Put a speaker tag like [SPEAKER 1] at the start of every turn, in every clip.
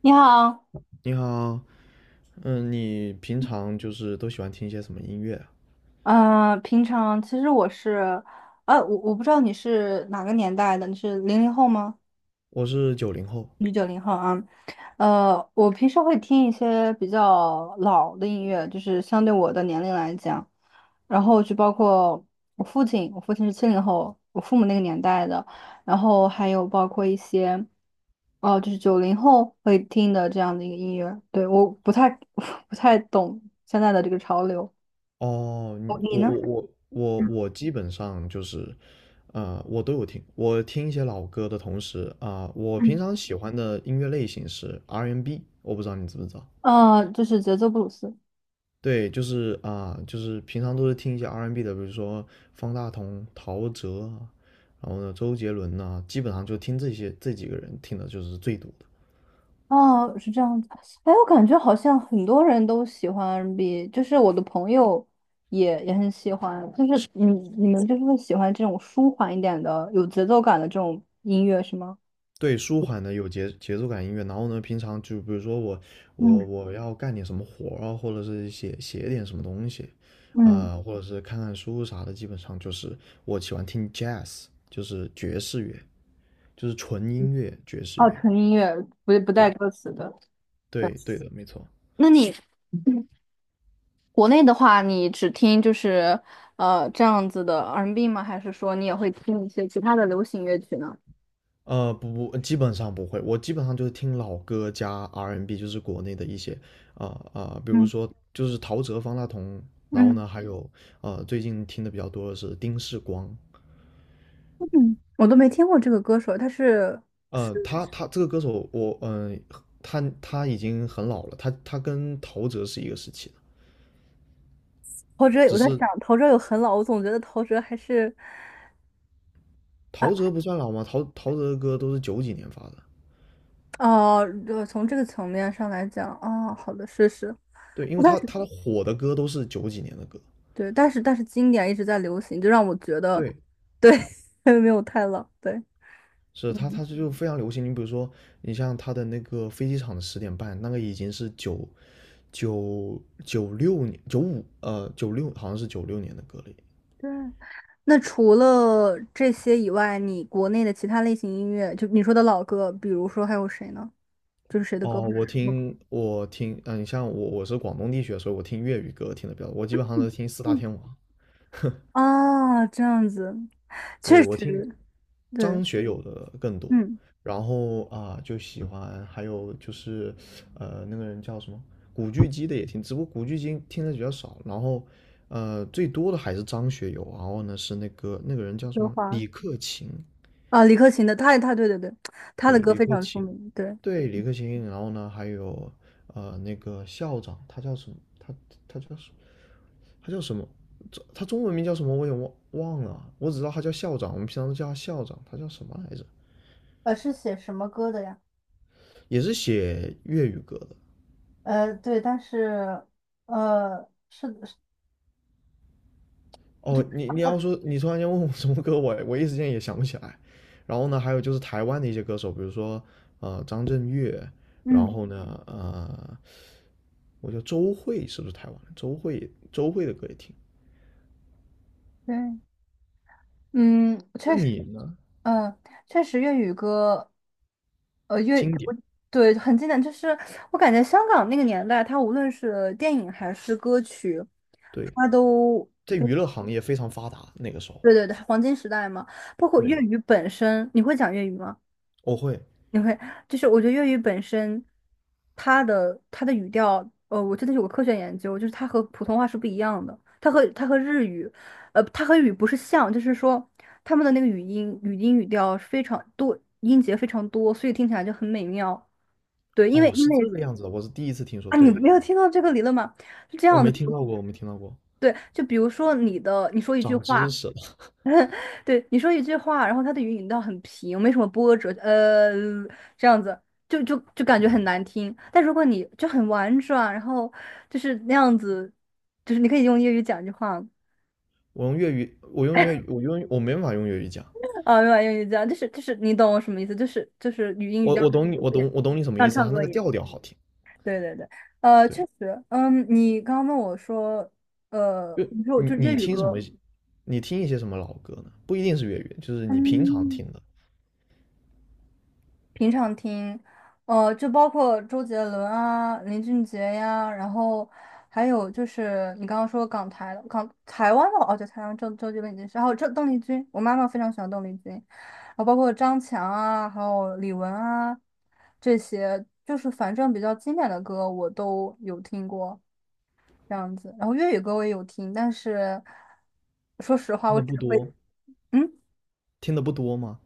[SPEAKER 1] 你好，
[SPEAKER 2] 你好。你平常就是都喜欢听一些什么音乐啊？
[SPEAKER 1] 平常其实我是，我不知道你是哪个年代的，你是零零后吗？
[SPEAKER 2] 我是九零后。
[SPEAKER 1] 你是九零后啊？我平时会听一些比较老的音乐，就是相对我的年龄来讲，然后就包括我父亲是七零后，我父母那个年代的，然后还有包括一些，哦、就是九零后会听的这样的一个音乐，对，我不太 不太懂现在的这个潮流，
[SPEAKER 2] 哦，你
[SPEAKER 1] 你
[SPEAKER 2] 我
[SPEAKER 1] 呢？
[SPEAKER 2] 我我我我基本上就是，我都有听。我听一些老歌的同时啊，我平常喜欢的音乐类型是 R&B，我不知道你知不知道。
[SPEAKER 1] 就是节奏布鲁斯。
[SPEAKER 2] 对，就是平常都是听一些 R&B 的，比如说方大同、陶喆啊，然后呢，周杰伦呐、基本上就听这些这几个人听的就是最多的。
[SPEAKER 1] 哦，是这样子。哎，我感觉好像很多人都喜欢 R&B，就是我的朋友也很喜欢。就是你们就是会喜欢这种舒缓一点的、有节奏感的这种音乐是吗？
[SPEAKER 2] 对，舒缓的有节奏感音乐，然后呢，平常就比如说我我
[SPEAKER 1] 嗯
[SPEAKER 2] 我要干点什么活啊，或者是写写点什么东西，
[SPEAKER 1] 嗯，
[SPEAKER 2] 啊、或者是看看书啥的，基本上就是我喜欢听 jazz，就是爵士乐，就是纯音乐爵士
[SPEAKER 1] 哦，
[SPEAKER 2] 乐。
[SPEAKER 1] 纯音乐，不带
[SPEAKER 2] 对
[SPEAKER 1] 歌词的。对
[SPEAKER 2] 对对的，没错。
[SPEAKER 1] 那你国内的话，你只听就是这样子的 R&B 吗？还是说你也会听一些其他的流行乐曲呢？
[SPEAKER 2] 不不，基本上不会，我基本上就是听老歌加 R&B，就是国内的一些啊啊、比如
[SPEAKER 1] 嗯
[SPEAKER 2] 说就是陶喆、方大同，然后
[SPEAKER 1] 嗯。
[SPEAKER 2] 呢，还有最近听的比较多的是丁世光。
[SPEAKER 1] 嗯，我都没听过这个歌手，他是
[SPEAKER 2] 他这个歌手，我嗯、呃他他已经很老了，他跟陶喆是一个时期的，
[SPEAKER 1] 陶喆。
[SPEAKER 2] 只
[SPEAKER 1] 我在
[SPEAKER 2] 是
[SPEAKER 1] 想，陶喆有很老，我总觉得陶喆还是啊
[SPEAKER 2] 陶喆不算老吗？陶喆的歌都是九几年发的，
[SPEAKER 1] 哦，从这个层面上来讲，哦，好的，是是，
[SPEAKER 2] 对，因为
[SPEAKER 1] 但
[SPEAKER 2] 他
[SPEAKER 1] 是
[SPEAKER 2] 他的火的歌都是九几年的歌，
[SPEAKER 1] 对，但是经典一直在流行，就让我觉得
[SPEAKER 2] 对，
[SPEAKER 1] 对，没有太老，对，
[SPEAKER 2] 是他
[SPEAKER 1] 嗯，
[SPEAKER 2] 就非常流行。你比如说，你像他的那个飞机场的十点半，那个已经是九九九六年九五呃九六好像是九六年的歌了。
[SPEAKER 1] 对。那除了这些以外，你国内的其他类型音乐，就你说的老歌，比如说还有谁呢？就是谁的歌或
[SPEAKER 2] 哦，
[SPEAKER 1] 者是
[SPEAKER 2] 我
[SPEAKER 1] 什么歌？
[SPEAKER 2] 听我听，你像我是广东地区的，所以我听粤语歌听的比较多，我基本上都听四大
[SPEAKER 1] 嗯，
[SPEAKER 2] 天王。
[SPEAKER 1] 啊，这样子，确
[SPEAKER 2] 对，我听
[SPEAKER 1] 实，对，
[SPEAKER 2] 张学友的更多，
[SPEAKER 1] 嗯。
[SPEAKER 2] 然后啊就喜欢，还有就是那个人叫什么古巨基的也听，只不过古巨基听的比较少，然后最多的还是张学友，然后呢是那个人叫什
[SPEAKER 1] 德
[SPEAKER 2] 么
[SPEAKER 1] 华
[SPEAKER 2] 李克勤，
[SPEAKER 1] 啊，李克勤的，他对对对，他
[SPEAKER 2] 对
[SPEAKER 1] 的歌
[SPEAKER 2] 李
[SPEAKER 1] 非
[SPEAKER 2] 克
[SPEAKER 1] 常出
[SPEAKER 2] 勤，
[SPEAKER 1] 名，对，
[SPEAKER 2] 对李克勤，然后呢还有那个校长，他叫什么？他叫什他叫什么？这他中文名叫什么？我也忘了啊，我只知道他叫校长，我们平常都叫他校长，他叫什么来着？
[SPEAKER 1] 是写什么歌的呀？
[SPEAKER 2] 也是写粤语歌的。
[SPEAKER 1] 对，但是，是的
[SPEAKER 2] 哦，你你要说你突然间问我什么歌，我一时间也想不起来。然后呢，还有就是台湾的一些歌手，比如说张震岳，然
[SPEAKER 1] 嗯，
[SPEAKER 2] 后呢我叫周蕙，是不是台湾的周蕙？周蕙的歌也听。
[SPEAKER 1] 对，嗯，
[SPEAKER 2] 那
[SPEAKER 1] 确实，
[SPEAKER 2] 你呢？
[SPEAKER 1] 嗯，确实粤语歌，粤，
[SPEAKER 2] 经典，
[SPEAKER 1] 我对，很经典，就是我感觉香港那个年代，它无论是电影还是歌曲，
[SPEAKER 2] 对，
[SPEAKER 1] 它都，
[SPEAKER 2] 在娱乐行业非常发达那个时候。
[SPEAKER 1] 对对对，黄金时代嘛，包括粤
[SPEAKER 2] 对，
[SPEAKER 1] 语本身，你会讲粤语吗？
[SPEAKER 2] 我会。
[SPEAKER 1] 你会，就是我觉得粤语本身，它的语调，我真的有个科学研究，就是它和普通话是不一样的，它和日语，它和日语不是像，就是说他们的那个语音语调是非常多，音节非常多，所以听起来就很美妙。对，因为
[SPEAKER 2] 哦，
[SPEAKER 1] 因
[SPEAKER 2] 是这
[SPEAKER 1] 为
[SPEAKER 2] 个样子的，我是第一次听说。
[SPEAKER 1] 啊，你
[SPEAKER 2] 对，
[SPEAKER 1] 没有听到这个理论吗？是这
[SPEAKER 2] 我
[SPEAKER 1] 样
[SPEAKER 2] 没
[SPEAKER 1] 的，
[SPEAKER 2] 听到过，我没听到过，
[SPEAKER 1] 对，就比如说你说一句
[SPEAKER 2] 长知
[SPEAKER 1] 话，
[SPEAKER 2] 识了。
[SPEAKER 1] 对，你说一句话，然后它的语音调很平，没什么波折，这样子就感觉很难听。但如果你就很婉转，然后就是那样子，就是你可以用粤语讲一句话
[SPEAKER 2] 我用粤语，我用粤语，我没办法用粤语讲。
[SPEAKER 1] 啊，没有用粤语讲，就是就是你懂我什么意思，就是语音语
[SPEAKER 2] 我
[SPEAKER 1] 调
[SPEAKER 2] 我懂你，
[SPEAKER 1] 很
[SPEAKER 2] 我
[SPEAKER 1] 点，
[SPEAKER 2] 懂我懂你什么意
[SPEAKER 1] 像
[SPEAKER 2] 思，
[SPEAKER 1] 唱
[SPEAKER 2] 他那
[SPEAKER 1] 歌
[SPEAKER 2] 个
[SPEAKER 1] 一样。
[SPEAKER 2] 调调好听，
[SPEAKER 1] 对对对，确
[SPEAKER 2] 对，
[SPEAKER 1] 实，嗯，你刚刚问我说，
[SPEAKER 2] 就
[SPEAKER 1] 你说我
[SPEAKER 2] 你
[SPEAKER 1] 就是粤
[SPEAKER 2] 你
[SPEAKER 1] 语
[SPEAKER 2] 听什么，
[SPEAKER 1] 歌，
[SPEAKER 2] 你听一些什么老歌呢？不一定是粤语，就是你平常
[SPEAKER 1] 嗯。
[SPEAKER 2] 听的，
[SPEAKER 1] 平常听，就包括周杰伦啊、林俊杰呀，然后还有就是你刚刚说港台湾的哦，对，台湾周杰伦已经是，还有这邓丽君，我妈妈非常喜欢邓丽君，然后包括张强啊，还有李玟啊这些，就是反正比较经典的歌我都有听过这样子，然后粤语歌我也有听，但是说实话，
[SPEAKER 2] 听
[SPEAKER 1] 我
[SPEAKER 2] 的
[SPEAKER 1] 只
[SPEAKER 2] 不
[SPEAKER 1] 会
[SPEAKER 2] 多。
[SPEAKER 1] 嗯。
[SPEAKER 2] 听的不多吗？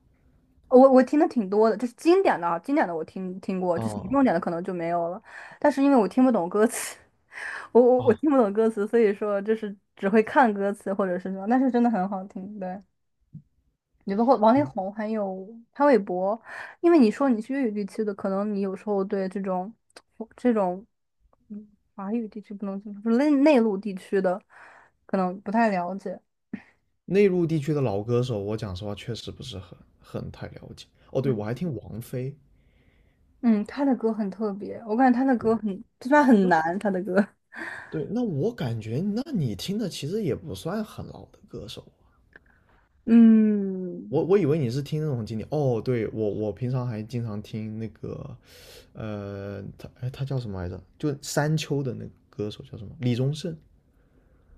[SPEAKER 1] 我听的挺多的，就是经典的啊，经典的我听过，
[SPEAKER 2] 啊、
[SPEAKER 1] 就是
[SPEAKER 2] 啊。
[SPEAKER 1] 重点的可能就没有了。但是因为我听不懂歌词，我
[SPEAKER 2] 哦
[SPEAKER 1] 听不懂歌词，所以说就是只会看歌词或者是什么，但是真的很好听。对，你包括王力宏还有潘玮柏，因为你说你是粤语地区的，可能你有时候对这种这种嗯华语地区不能就是内陆地区的可能不太了解。
[SPEAKER 2] 内陆地区的老歌手，我讲实话确实不是很太了解。哦，对，我还听王菲。
[SPEAKER 1] 嗯，他的歌很特别，我感觉他的歌很，虽然很
[SPEAKER 2] 那
[SPEAKER 1] 难，他的歌。
[SPEAKER 2] 对，那我感觉，那你听的其实也不算很老的歌手啊。
[SPEAKER 1] 嗯，
[SPEAKER 2] 我以为你是听那种经典。哦，对，我平常还经常听那个他叫什么来着？就山丘的那个歌手叫什么？李宗盛。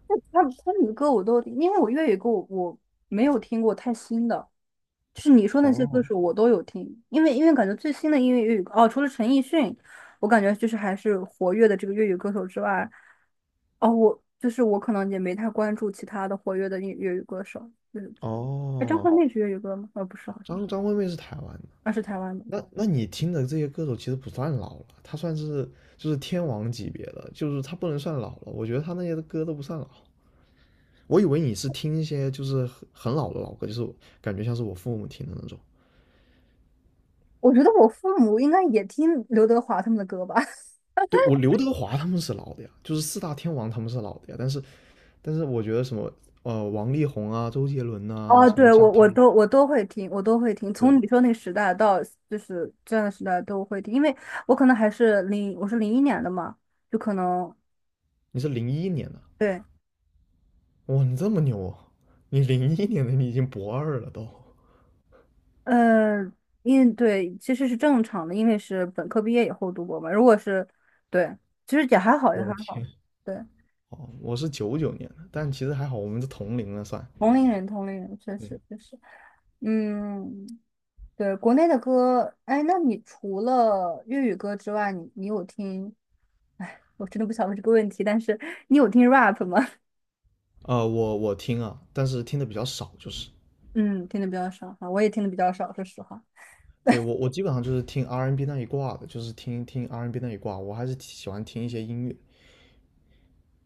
[SPEAKER 1] 那他们的歌我都，因为我粤语歌我没有听过太新的，就是你说那些歌
[SPEAKER 2] 哦，
[SPEAKER 1] 手我都有听，因为感觉最新的音乐粤语歌哦，除了陈奕迅，我感觉就是还是活跃的这个粤语歌手之外，哦，我就是我可能也没太关注其他的活跃的粤语歌手，就是哎，张
[SPEAKER 2] 哦，
[SPEAKER 1] 惠妹是粤语歌吗？哦，不是，好像
[SPEAKER 2] 张惠妹是台湾的。
[SPEAKER 1] 那是台湾的
[SPEAKER 2] 那
[SPEAKER 1] 歌。
[SPEAKER 2] 那你听的这些歌手其实不算老了，他算是就是天王级别的，就是他不能算老了。我觉得他那些歌都不算老。我以为你是听一些就是很老的老歌，就是感觉像是我父母听的那种。
[SPEAKER 1] 我觉得我父母应该也听刘德华他们的歌吧。
[SPEAKER 2] 对，我刘德华他们是老的呀，就是四大天王他们是老的呀。但是我觉得什么王力宏啊、周杰伦啊，
[SPEAKER 1] 哦，
[SPEAKER 2] 什么
[SPEAKER 1] 对，我
[SPEAKER 2] 像
[SPEAKER 1] 我都我都会听，我都会听，从
[SPEAKER 2] 对，
[SPEAKER 1] 你说那个时代到就是这样的时代都会听，因为我可能还是零，我是零一年的嘛，就可能
[SPEAKER 2] 你是零一年的，
[SPEAKER 1] 对，
[SPEAKER 2] 哇，你这么牛啊！你零一年的，你已经博二了都。
[SPEAKER 1] 呃，因对其实是正常的，因为是本科毕业以后读博嘛，如果是对，其实也还好，也
[SPEAKER 2] 我
[SPEAKER 1] 还
[SPEAKER 2] 的
[SPEAKER 1] 好，
[SPEAKER 2] 天，
[SPEAKER 1] 对，
[SPEAKER 2] 哦，我是九九年的，但其实还好，我们是同龄了算。
[SPEAKER 1] 同龄人，同龄人，确
[SPEAKER 2] 对，
[SPEAKER 1] 实确实，嗯，对，国内的歌，哎，那你除了粤语歌之外，你有听？哎，我真的不想问这个问题，但是你有听 rap 吗？
[SPEAKER 2] 我听啊，但是听的比较少，就是
[SPEAKER 1] 嗯，听的比较少哈，我也听的比较少，说实话。
[SPEAKER 2] 对，我基本上就是听 R&B N 那一挂的，就是听听 R&B N 那一挂，我还是喜欢听一些音乐。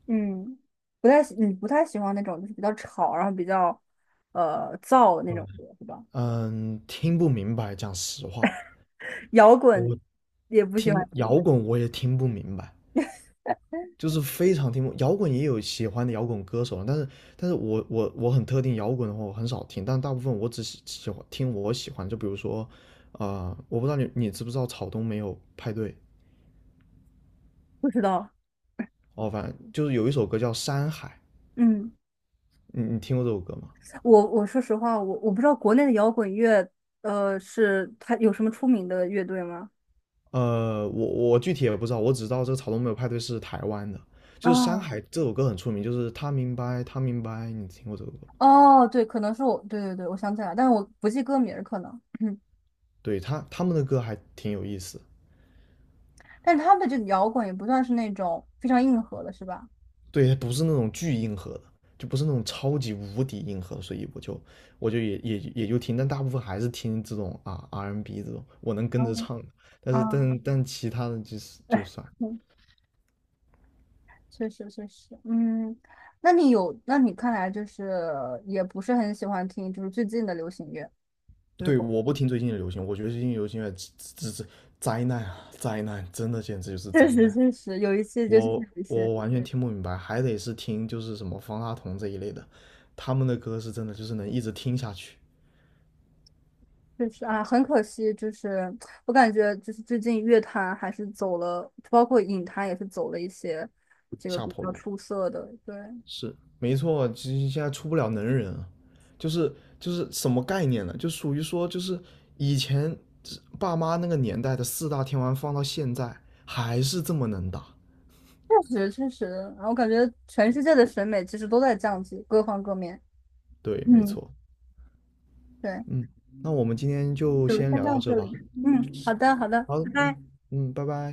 [SPEAKER 1] 嗯，不太喜，你不太喜欢那种就是比较吵，然后比较燥的那
[SPEAKER 2] 嗯
[SPEAKER 1] 种歌，是吧？
[SPEAKER 2] 嗯，听不明白，讲实话，
[SPEAKER 1] 摇滚
[SPEAKER 2] 我
[SPEAKER 1] 也不喜欢
[SPEAKER 2] 听
[SPEAKER 1] 听
[SPEAKER 2] 摇滚我也听不明白，就是非常听不懂摇滚也有喜欢的摇滚歌手，但是我很特定摇滚的话我很少听，但大部分我只喜欢听我喜欢，就比如说，啊，我不知道你知不知道草东没有派对。
[SPEAKER 1] 不知道。
[SPEAKER 2] 哦，反正就是有一首歌叫《山海》，
[SPEAKER 1] 嗯。
[SPEAKER 2] 你听过这首歌吗？
[SPEAKER 1] 我说实话，我不知道国内的摇滚乐，是它有什么出名的乐队吗？
[SPEAKER 2] 我具体也不知道，我只知道这个草东没有派对是台湾的，就是《山
[SPEAKER 1] 啊，
[SPEAKER 2] 海》这首歌很出名，就是他明白他明白，你听过这首歌？
[SPEAKER 1] 哦，对，可能是我，对对对，我想起来，但是我不记歌名儿，可能，
[SPEAKER 2] 对他们的歌还挺有意思，
[SPEAKER 1] 但是他们的这个摇滚也不算是那种非常硬核的，是吧？
[SPEAKER 2] 对，它不是那种巨硬核的，就不是那种超级无敌硬核，所以我就也就听，但大部分还是听这种啊 R&B 这种我能跟着
[SPEAKER 1] 嗯
[SPEAKER 2] 唱的，但是
[SPEAKER 1] 嗯，
[SPEAKER 2] 其他的就是就
[SPEAKER 1] 哎
[SPEAKER 2] 算。
[SPEAKER 1] 嗯，确实确实，嗯，那你看来就是也不是很喜欢听，就是最近的流行乐，就是
[SPEAKER 2] 对，
[SPEAKER 1] 不，
[SPEAKER 2] 我不听最近的流行，我觉得最近流行乐只是灾难啊，灾难，真的简直就是
[SPEAKER 1] 确
[SPEAKER 2] 灾
[SPEAKER 1] 实
[SPEAKER 2] 难。
[SPEAKER 1] 确实有一些，就是有
[SPEAKER 2] 我
[SPEAKER 1] 一些。
[SPEAKER 2] 我完全听不明白，还得是听就是什么方大同这一类的，他们的歌是真的就是能一直听下去，
[SPEAKER 1] 确实啊，很可惜，就是我感觉就是最近乐坛还是走了，包括影坛也是走了一些这个
[SPEAKER 2] 下
[SPEAKER 1] 比
[SPEAKER 2] 坡
[SPEAKER 1] 较
[SPEAKER 2] 路。
[SPEAKER 1] 出色的。对，
[SPEAKER 2] 是没错，其实现在出不了能人啊，就是什么概念呢？就属于说，就是以前爸妈那个年代的四大天王放到现在还是这么能打。
[SPEAKER 1] 确实确实，啊，我感觉全世界的审美其实都在降级，各方各面。
[SPEAKER 2] 对，没
[SPEAKER 1] 嗯，
[SPEAKER 2] 错。
[SPEAKER 1] 对，
[SPEAKER 2] 嗯，那我们今天就
[SPEAKER 1] 就
[SPEAKER 2] 先
[SPEAKER 1] 先
[SPEAKER 2] 聊到
[SPEAKER 1] 到
[SPEAKER 2] 这
[SPEAKER 1] 这里。
[SPEAKER 2] 吧。
[SPEAKER 1] 嗯，好的好的，
[SPEAKER 2] 好，
[SPEAKER 1] 拜
[SPEAKER 2] 嗯
[SPEAKER 1] 拜。
[SPEAKER 2] 嗯，拜拜。